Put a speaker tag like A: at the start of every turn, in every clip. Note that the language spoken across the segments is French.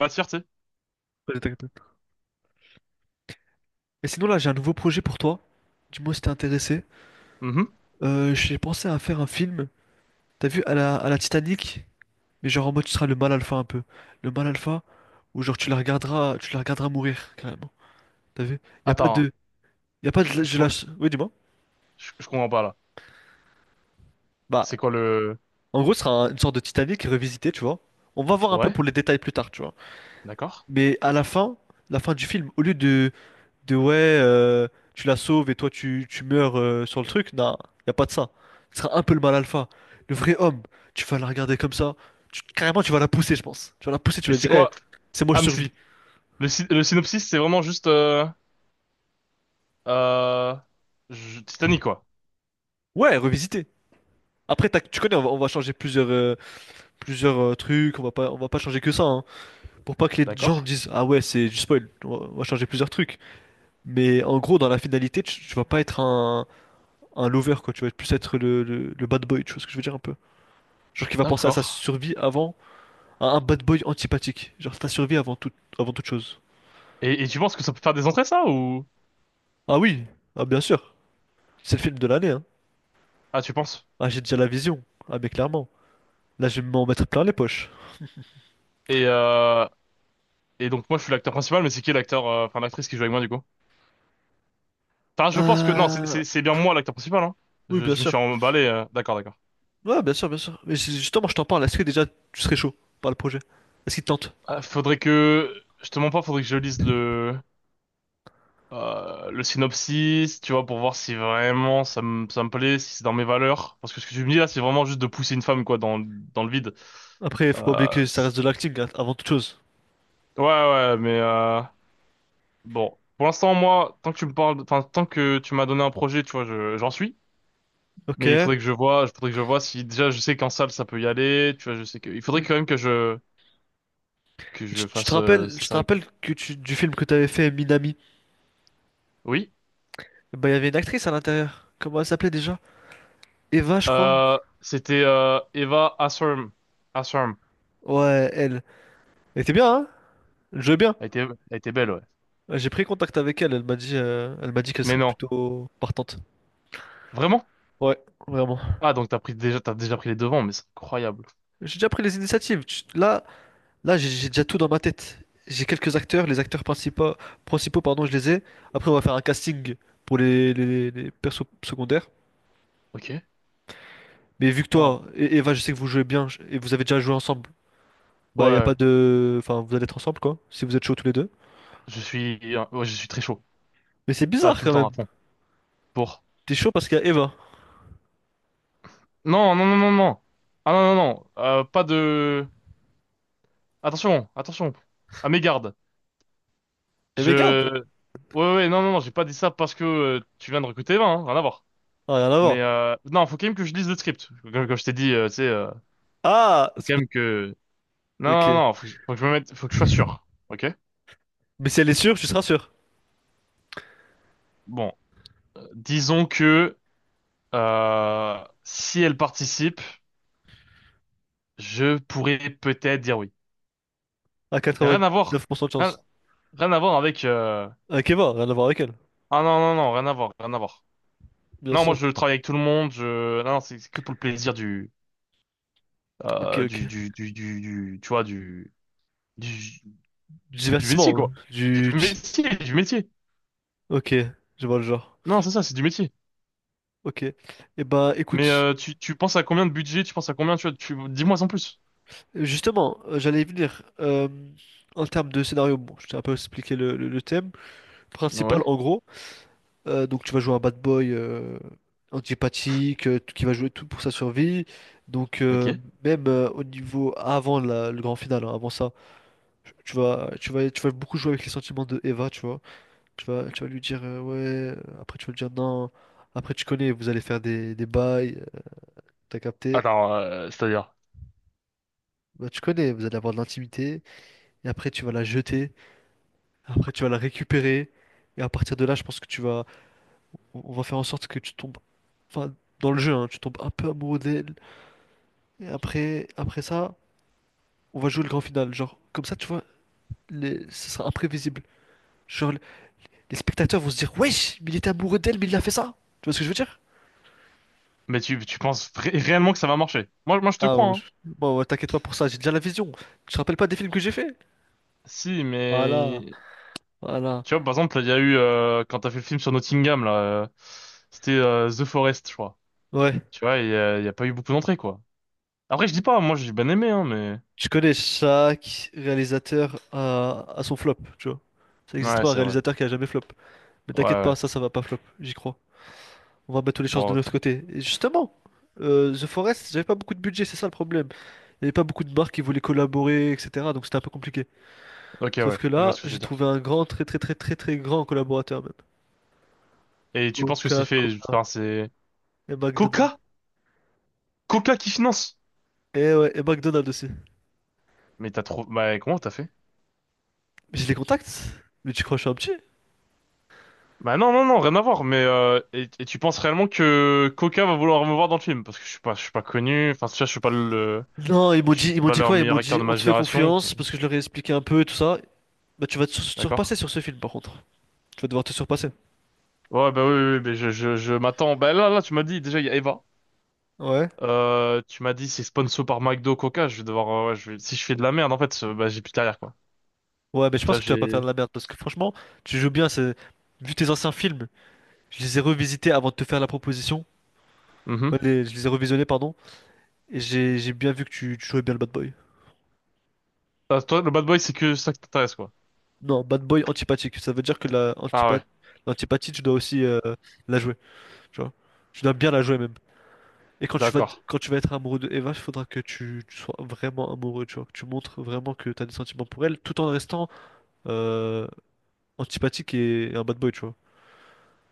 A: Matière, tu sais.
B: Ouais, t'inquiète pas. Et sinon là j'ai un nouveau projet pour toi. Dis-moi si t'es intéressé.
A: Mhm.
B: J'ai pensé à faire un film. T'as vu à la Titanic, mais genre en mode tu seras le mal alpha un peu. Le mal alpha où genre tu la regarderas mourir carrément. T'as vu? Y a pas
A: Attends,
B: de, y a pas
A: je,
B: de,
A: je,
B: je
A: com-
B: lâche. Oui, dis-moi.
A: je comprends pas là.
B: Bah,
A: C'est quoi le...
B: en gros ce sera une sorte de Titanic revisité, tu vois. On va voir un peu
A: Ouais,
B: pour les détails plus tard, tu vois.
A: d'accord.
B: Mais à la fin du film, au lieu de ouais, euh, tu la sauves et toi tu meurs sur le truc. Non, y a pas de ça. Ce sera un peu le mal alpha. Le vrai homme, tu vas la regarder comme ça. Carrément, tu vas la pousser, je pense. Tu vas la pousser, tu
A: Mais
B: vas
A: c'est
B: dire, Eh,
A: quoi...
B: c'est moi, je
A: Ah, mais c'est...
B: survis.
A: Le synopsis, c'est vraiment juste... euh, Titanic, quoi.
B: Ouais, revisiter. Après, tu connais, on va changer plusieurs trucs. On va pas changer que ça, hein, pour pas que les gens
A: D'accord.
B: disent, ah ouais, c'est du spoil. On va changer plusieurs trucs. Mais en gros, dans la finalité, tu vas pas être un lover, quoi. Tu vas plus être le bad boy. Tu vois ce que je veux dire un peu? Genre qui va penser à sa
A: D'accord.
B: survie avant. Un bad boy antipathique. Genre ta survie avant toute chose.
A: Et tu penses que ça peut faire des entrées, ça, ou...
B: Ah oui, ah bien sûr. C'est le film de l'année, hein.
A: Ah, tu penses?
B: Ah, j'ai déjà la vision. Ah, mais clairement. Là je vais m'en mettre plein les poches.
A: Et, euh... et donc, moi, je suis l'acteur principal, mais c'est qui l'acteur... Enfin, l'actrice qui joue avec moi, du coup? Enfin, je pense que... Non, c'est
B: Euh...
A: c'est- c'est bien moi, l'acteur principal, hein.
B: Oui, bien
A: Je me suis
B: sûr.
A: emballé. D'accord, d'accord.
B: Ouais, bien sûr, bien sûr. Mais justement je t'en parle. Est-ce que déjà tu serais chaud par le projet? Est-ce qu'il te tente?
A: Ah, faudrait que... Je te mens pas, faudrait que je lise le... Le synopsis, tu vois, pour voir si vraiment ça me plaît, si c'est dans mes valeurs. Parce que ce que tu me dis là, c'est vraiment juste de pousser une femme quoi dans dans le vide.
B: Après faut pas
A: Euh,
B: oublier que ça
A: c'est-
B: reste de l'acting hein, avant toute chose.
A: ouais ouais, mais bon, pour l'instant moi, tant que tu me parles, enfin tant que tu m'as donné un projet, tu vois, j'en suis.
B: Ok.
A: Mais il faudrait que je vois, il faudrait que je vois si déjà je sais qu'en salle ça peut y aller, tu vois, je sais que il faudrait
B: Oui.
A: quand même que je que
B: Tu,
A: je
B: tu te
A: fasse
B: rappelles,
A: c'est
B: je te
A: sérieux quoi.
B: rappelle que du film que t'avais fait Minami,
A: Oui.
B: bah il y avait une actrice à l'intérieur. Comment elle s'appelait déjà? Eva, je crois.
A: C'était Eva Asserm. Asserm.
B: Ouais, elle. Elle était bien, hein? Elle jouait bien.
A: Elle était belle ouais.
B: Ouais, j'ai pris contact avec elle, elle m'a dit qu'elle
A: Mais
B: serait
A: non.
B: plutôt partante.
A: Vraiment?
B: Ouais, vraiment.
A: Ah, donc t'as pris déjà, t'as déjà pris les devants, mais c'est incroyable.
B: J'ai déjà pris les initiatives. Là, j'ai déjà tout dans ma tête. J'ai quelques acteurs, les acteurs principaux, principaux, pardon, je les ai. Après, on va faire un casting pour les persos secondaires.
A: Ok.
B: Mais vu que
A: Waouh.
B: toi et Eva, je sais que vous jouez bien et vous avez déjà joué ensemble, bah y a pas
A: Ouais,
B: de, enfin, vous allez être ensemble quoi, si vous êtes chauds tous les deux.
A: ouais, je suis très chaud.
B: Mais c'est
A: T'as
B: bizarre
A: tout le
B: quand
A: temps
B: même.
A: à fond. Pour.
B: T'es chaud parce qu'il y a Eva.
A: Non, non, non, non, non. Ah non, non, non. Pas de. Attention, attention. À mes gardes.
B: Et mais garde,
A: Je. Ouais, ouais, non, non, non. J'ai pas dit ça parce que tu viens de recruter 20, hein, rien à voir.
B: ah, rien à
A: Mais
B: voir.
A: euh... non, faut quand même que je lise le script. Comme, comme je t'ai dit, tu sais,
B: Ah,
A: faut
B: c'est
A: quand
B: pas...
A: même que. Non, non,
B: Ok.
A: non. Faut que je me mette, faut que je sois sûr. Ok.
B: Mais si elle est sûre, tu seras sûr.
A: Bon, disons que si elle participe. Je pourrais peut-être dire oui.
B: À
A: Mais rien à voir.
B: 99% de
A: Rien,
B: chance.
A: rien à voir avec...
B: Avec Eva, rien à voir avec elle,
A: Ah non, non, non, rien à voir, rien à voir.
B: bien
A: Non, moi
B: sûr.
A: je travaille avec tout le monde, je... Non, non, c'est que pour le plaisir du,
B: Ok, ok.
A: Tu vois, du...
B: Du
A: Du métier,
B: divertissement, hein.
A: quoi. Du
B: Du.
A: métier, du métier.
B: Ok, je vois le genre.
A: Non, c'est ça, c'est du métier.
B: Ok. Et bah,
A: Mais
B: écoute,
A: euh, tu, tu penses à combien de budget, tu penses à combien, tu vois, tu... Dis-moi en plus.
B: justement, j'allais y venir. En termes de scénario, bon, je t'ai un peu expliqué le thème principal
A: Ouais,
B: en gros. Donc tu vas jouer un bad boy antipathique qui va jouer tout pour sa survie. Donc,
A: ok.
B: même, au niveau avant le grand final, hein, avant ça, tu vas beaucoup jouer avec les sentiments de Eva, tu vois. Tu vas lui dire ouais, après tu vas lui dire non, après tu connais, vous allez faire des bails, t'as capté?
A: Alors, c'est-à-dire...
B: Bah, tu connais, vous allez avoir de l'intimité, et après tu vas la jeter, après tu vas la récupérer, et à partir de là, je pense que tu vas, on va faire en sorte que tu tombes, enfin, dans le jeu, hein, tu tombes un peu amoureux d'elle, et après, après ça, on va jouer le grand final, genre, comme ça, tu vois, ce sera imprévisible. Genre, les spectateurs vont se dire, wesh, mais il était amoureux d'elle, mais il a fait ça, tu vois ce que je veux dire?
A: Mais tu, tu penses réellement que ça va marcher? Moi, moi je te
B: Ah,
A: crois,
B: bon,
A: hein.
B: bon, ouais, t'inquiète pas pour ça, j'ai déjà la vision. Tu te rappelles pas des films que j'ai fait?
A: Si,
B: Voilà,
A: mais
B: voilà.
A: tu vois, par exemple, il y a eu, quand t'as fait le film sur Nottingham, là, euh, c'était The Forest, je crois.
B: Ouais,
A: Tu vois, il y a pas eu beaucoup d'entrées, quoi. Après, je dis pas, moi, j'ai bien aimé, hein, mais...
B: tu connais, chaque réalisateur a son flop, tu vois. Ça n'existe
A: Ouais,
B: pas un
A: c'est vrai.
B: réalisateur qui a jamais flop. Mais
A: Ouais,
B: t'inquiète
A: ouais.
B: pas, ça va pas flop, j'y crois. On va mettre toutes les chances de
A: Bon,
B: notre
A: attends.
B: côté. Et justement, The Forest, j'avais pas beaucoup de budget, c'est ça le problème. Il y avait pas beaucoup de marques qui voulaient collaborer, etc. Donc c'était un peu compliqué.
A: Ok,
B: Sauf
A: ouais,
B: que
A: je vois
B: là,
A: ce que je
B: j'ai
A: veux dire.
B: trouvé un grand, très, très, très, très, très grand collaborateur même.
A: Et tu penses que c'est fait...
B: Coca-Cola
A: Enfin, c'est...
B: et McDonald's.
A: Coca? Coca qui finance?
B: Et ouais, et McDonald's aussi.
A: Mais t'as trop... Bah, comment t'as fait?
B: Mais j'ai des contacts? Mais tu crois que je suis un petit?
A: Bah non, non, non, rien à voir, mais et tu penses réellement que Coca va vouloir me voir dans le film? Parce que je suis pas connu, enfin, tu vois, je suis pas le...
B: Non, ils m'ont
A: Je
B: dit,
A: suis
B: ils m'ont
A: pas
B: dit
A: leur
B: quoi? Ils
A: meilleur
B: m'ont
A: acteur
B: dit,
A: de
B: on
A: ma
B: te fait
A: génération,
B: confiance parce que je leur ai expliqué un peu et tout ça. Bah, tu vas te
A: d'accord?
B: surpasser sur ce film, par contre. Tu vas devoir te surpasser.
A: Ouais, bah oui, oui, oui, mais je m'attends. Bah là, là, tu m'as dit, déjà, il y a Eva.
B: Ouais.
A: Tu m'as dit, c'est sponsor par McDo, Coca. Je vais devoir, ouais, si je fais de la merde, en fait, bah, j'ai plus de carrière, quoi.
B: Ouais, mais je pense
A: Ça,
B: que tu vas pas faire de
A: j'ai,
B: la merde parce que franchement, tu joues bien. C'est... Vu tes anciens films, je les ai revisités avant de te faire la proposition. Enfin,
A: mhm.
B: je les ai revisionnés, pardon. Et j'ai bien vu que tu jouais bien le bad boy.
A: Ah, toi, le bad boy, c'est que ça qui t'intéresse, quoi.
B: Non, bad boy antipathique. Ça veut dire que
A: Ah ouais,
B: l'antipathie, tu dois aussi la jouer. Tu vois. Tu dois bien la jouer, même. Et quand tu vas,
A: d'accord.
B: quand tu vas être amoureux de Eva, il faudra que tu sois vraiment amoureux, tu vois, que tu montres vraiment que tu as des sentiments pour elle, tout en restant euh, antipathique et un bad boy, tu vois.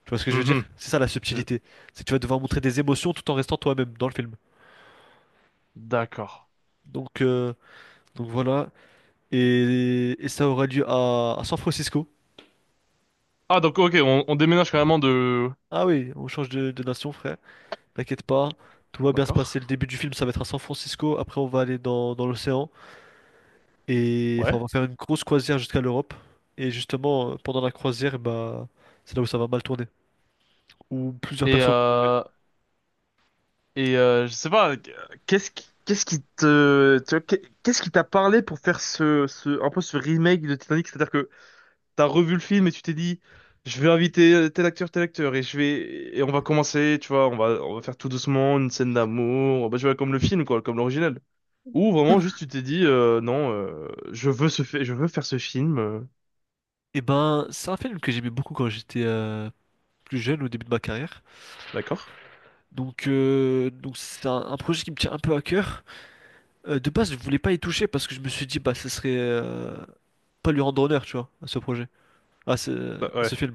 B: Tu vois ce que je veux dire?
A: Mhm.
B: C'est ça la
A: Je-
B: subtilité. C'est que tu vas devoir montrer des émotions tout en restant toi-même dans le film.
A: D'accord.
B: Donc, euh, donc voilà. Et ça aura lieu à San Francisco.
A: Ah, donc, ok, on déménage carrément de,
B: Ah oui, on change de nation, frère. T'inquiète pas, tout va bien se passer.
A: d'accord.
B: Le début du film, ça va être à San Francisco. Après, on va aller dans l'océan. Et enfin,
A: Ouais.
B: on va faire une grosse croisière jusqu'à l'Europe. Et justement, pendant la croisière, bah, c'est là où ça va mal tourner, où plusieurs
A: Et,
B: personnes vont mourir.
A: euh, et, je sais pas, qu'est-ce qui te, tu vois, qu'est- qu'est-ce qui t'a parlé pour faire ce, ce, un peu ce remake de Titanic? C'est-à-dire t'as revu le film et tu t'es dit, je vais inviter tel acteur, et je vais, et on va commencer, tu vois, on va faire tout doucement une scène d'amour, on va jouer comme le film, quoi, comme l'original. Ou vraiment juste tu t'es dit, non, je veux ce, fait, je veux faire ce film,
B: Et ben, c'est un film que j'aimais beaucoup quand j'étais plus jeune, au début de ma carrière.
A: d'accord?
B: Donc c'est un projet qui me tient un peu à cœur. De base, je voulais pas y toucher parce que je me suis dit, bah, ce serait pas lui rendre honneur, tu vois, à ce projet, à ce,
A: Bah,
B: à
A: ouais.
B: ce film.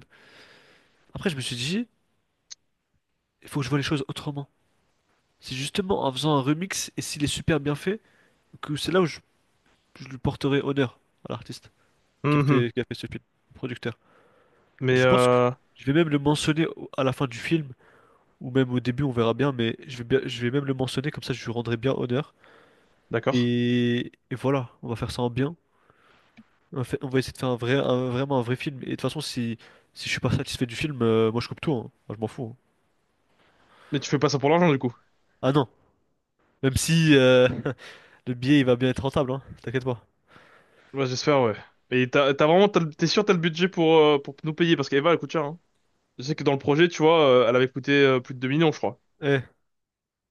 B: Après, je me suis dit, il faut que je vois les choses autrement. C'est justement en faisant un remix, et s'il est super bien fait, que c'est là où je lui porterai honneur à l'artiste. qui a
A: Mhm.
B: fait, qui a fait ce film, producteur. Et
A: Mais
B: je pense que
A: euh,
B: je vais même le mentionner à la fin du film, ou même au début, on verra bien, mais je vais même le mentionner, comme ça je lui rendrai bien honneur.
A: d'accord.
B: Et voilà, on va faire ça en bien. On va essayer de faire un vrai, vraiment un vrai film. Et de toute façon, si je suis pas satisfait du film, moi je coupe tout, hein. Moi, je m'en fous, hein.
A: Mais tu fais pas ça pour l'argent du coup.
B: Ah non, même si le billet il va bien être rentable, hein. T'inquiète pas.
A: Bah, j'espère, ouais. Et t'as, t'as vraiment, t'es sûr t'as le budget pour nous payer parce qu'Eva elle coûte cher, hein. Je sais que dans le projet, tu vois, elle avait coûté plus de 2 millions, je crois.
B: Eh,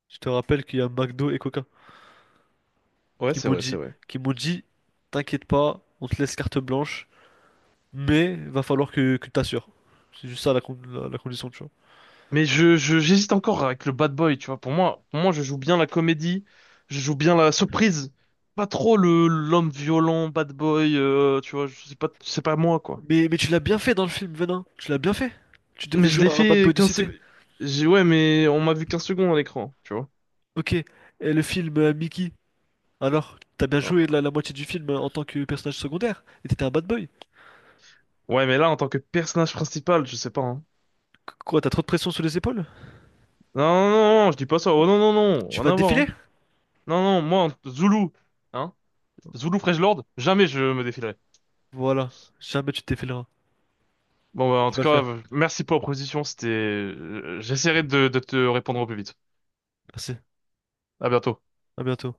B: je te rappelle qu'il y a McDo et Coca
A: Ouais,
B: qui
A: c'est
B: m'ont
A: vrai, c'est
B: dit,
A: vrai.
B: qui m'ont dit, t'inquiète pas, on te laisse carte blanche. Mais va falloir que tu t'assures. C'est juste ça la condition, tu vois.
A: Mais j'hésite encore avec le bad boy, tu vois. Pour moi, je joue bien la comédie, je joue bien la surprise. Pas trop le l'homme violent, bad boy, tu vois, c'est pas moi, quoi.
B: Mais tu l'as bien fait dans le film, Venin. Tu l'as bien fait. Tu devais
A: Mais je
B: jouer
A: l'ai
B: un bad boy
A: fait
B: de
A: 15
B: cité.
A: secondes. J'ai, ouais, mais on m'a vu 15 secondes à l'écran, tu vois.
B: Ok. Et le film Mickey, alors, t'as bien joué
A: Alors,
B: la moitié du film en tant que personnage secondaire. Et t'étais un bad boy.
A: ouais, mais là, en tant que personnage principal, je sais pas, hein.
B: Quoi, t'as trop de pression sur les épaules?
A: Non, non, non, non, je dis pas ça. Oh non, non, non,
B: Tu
A: rien
B: vas
A: à
B: te
A: voir,
B: défiler?
A: hein. Non, non, moi, Zulu, hein. Zulu Fresh Lord, jamais je me défilerai.
B: Voilà. Jamais tu te défileras.
A: Bon, bah, en
B: Tu
A: tout
B: vas le
A: cas,
B: faire.
A: merci pour la proposition. C'était, j'essaierai de te répondre au plus vite.
B: Merci.
A: À bientôt.
B: À bientôt.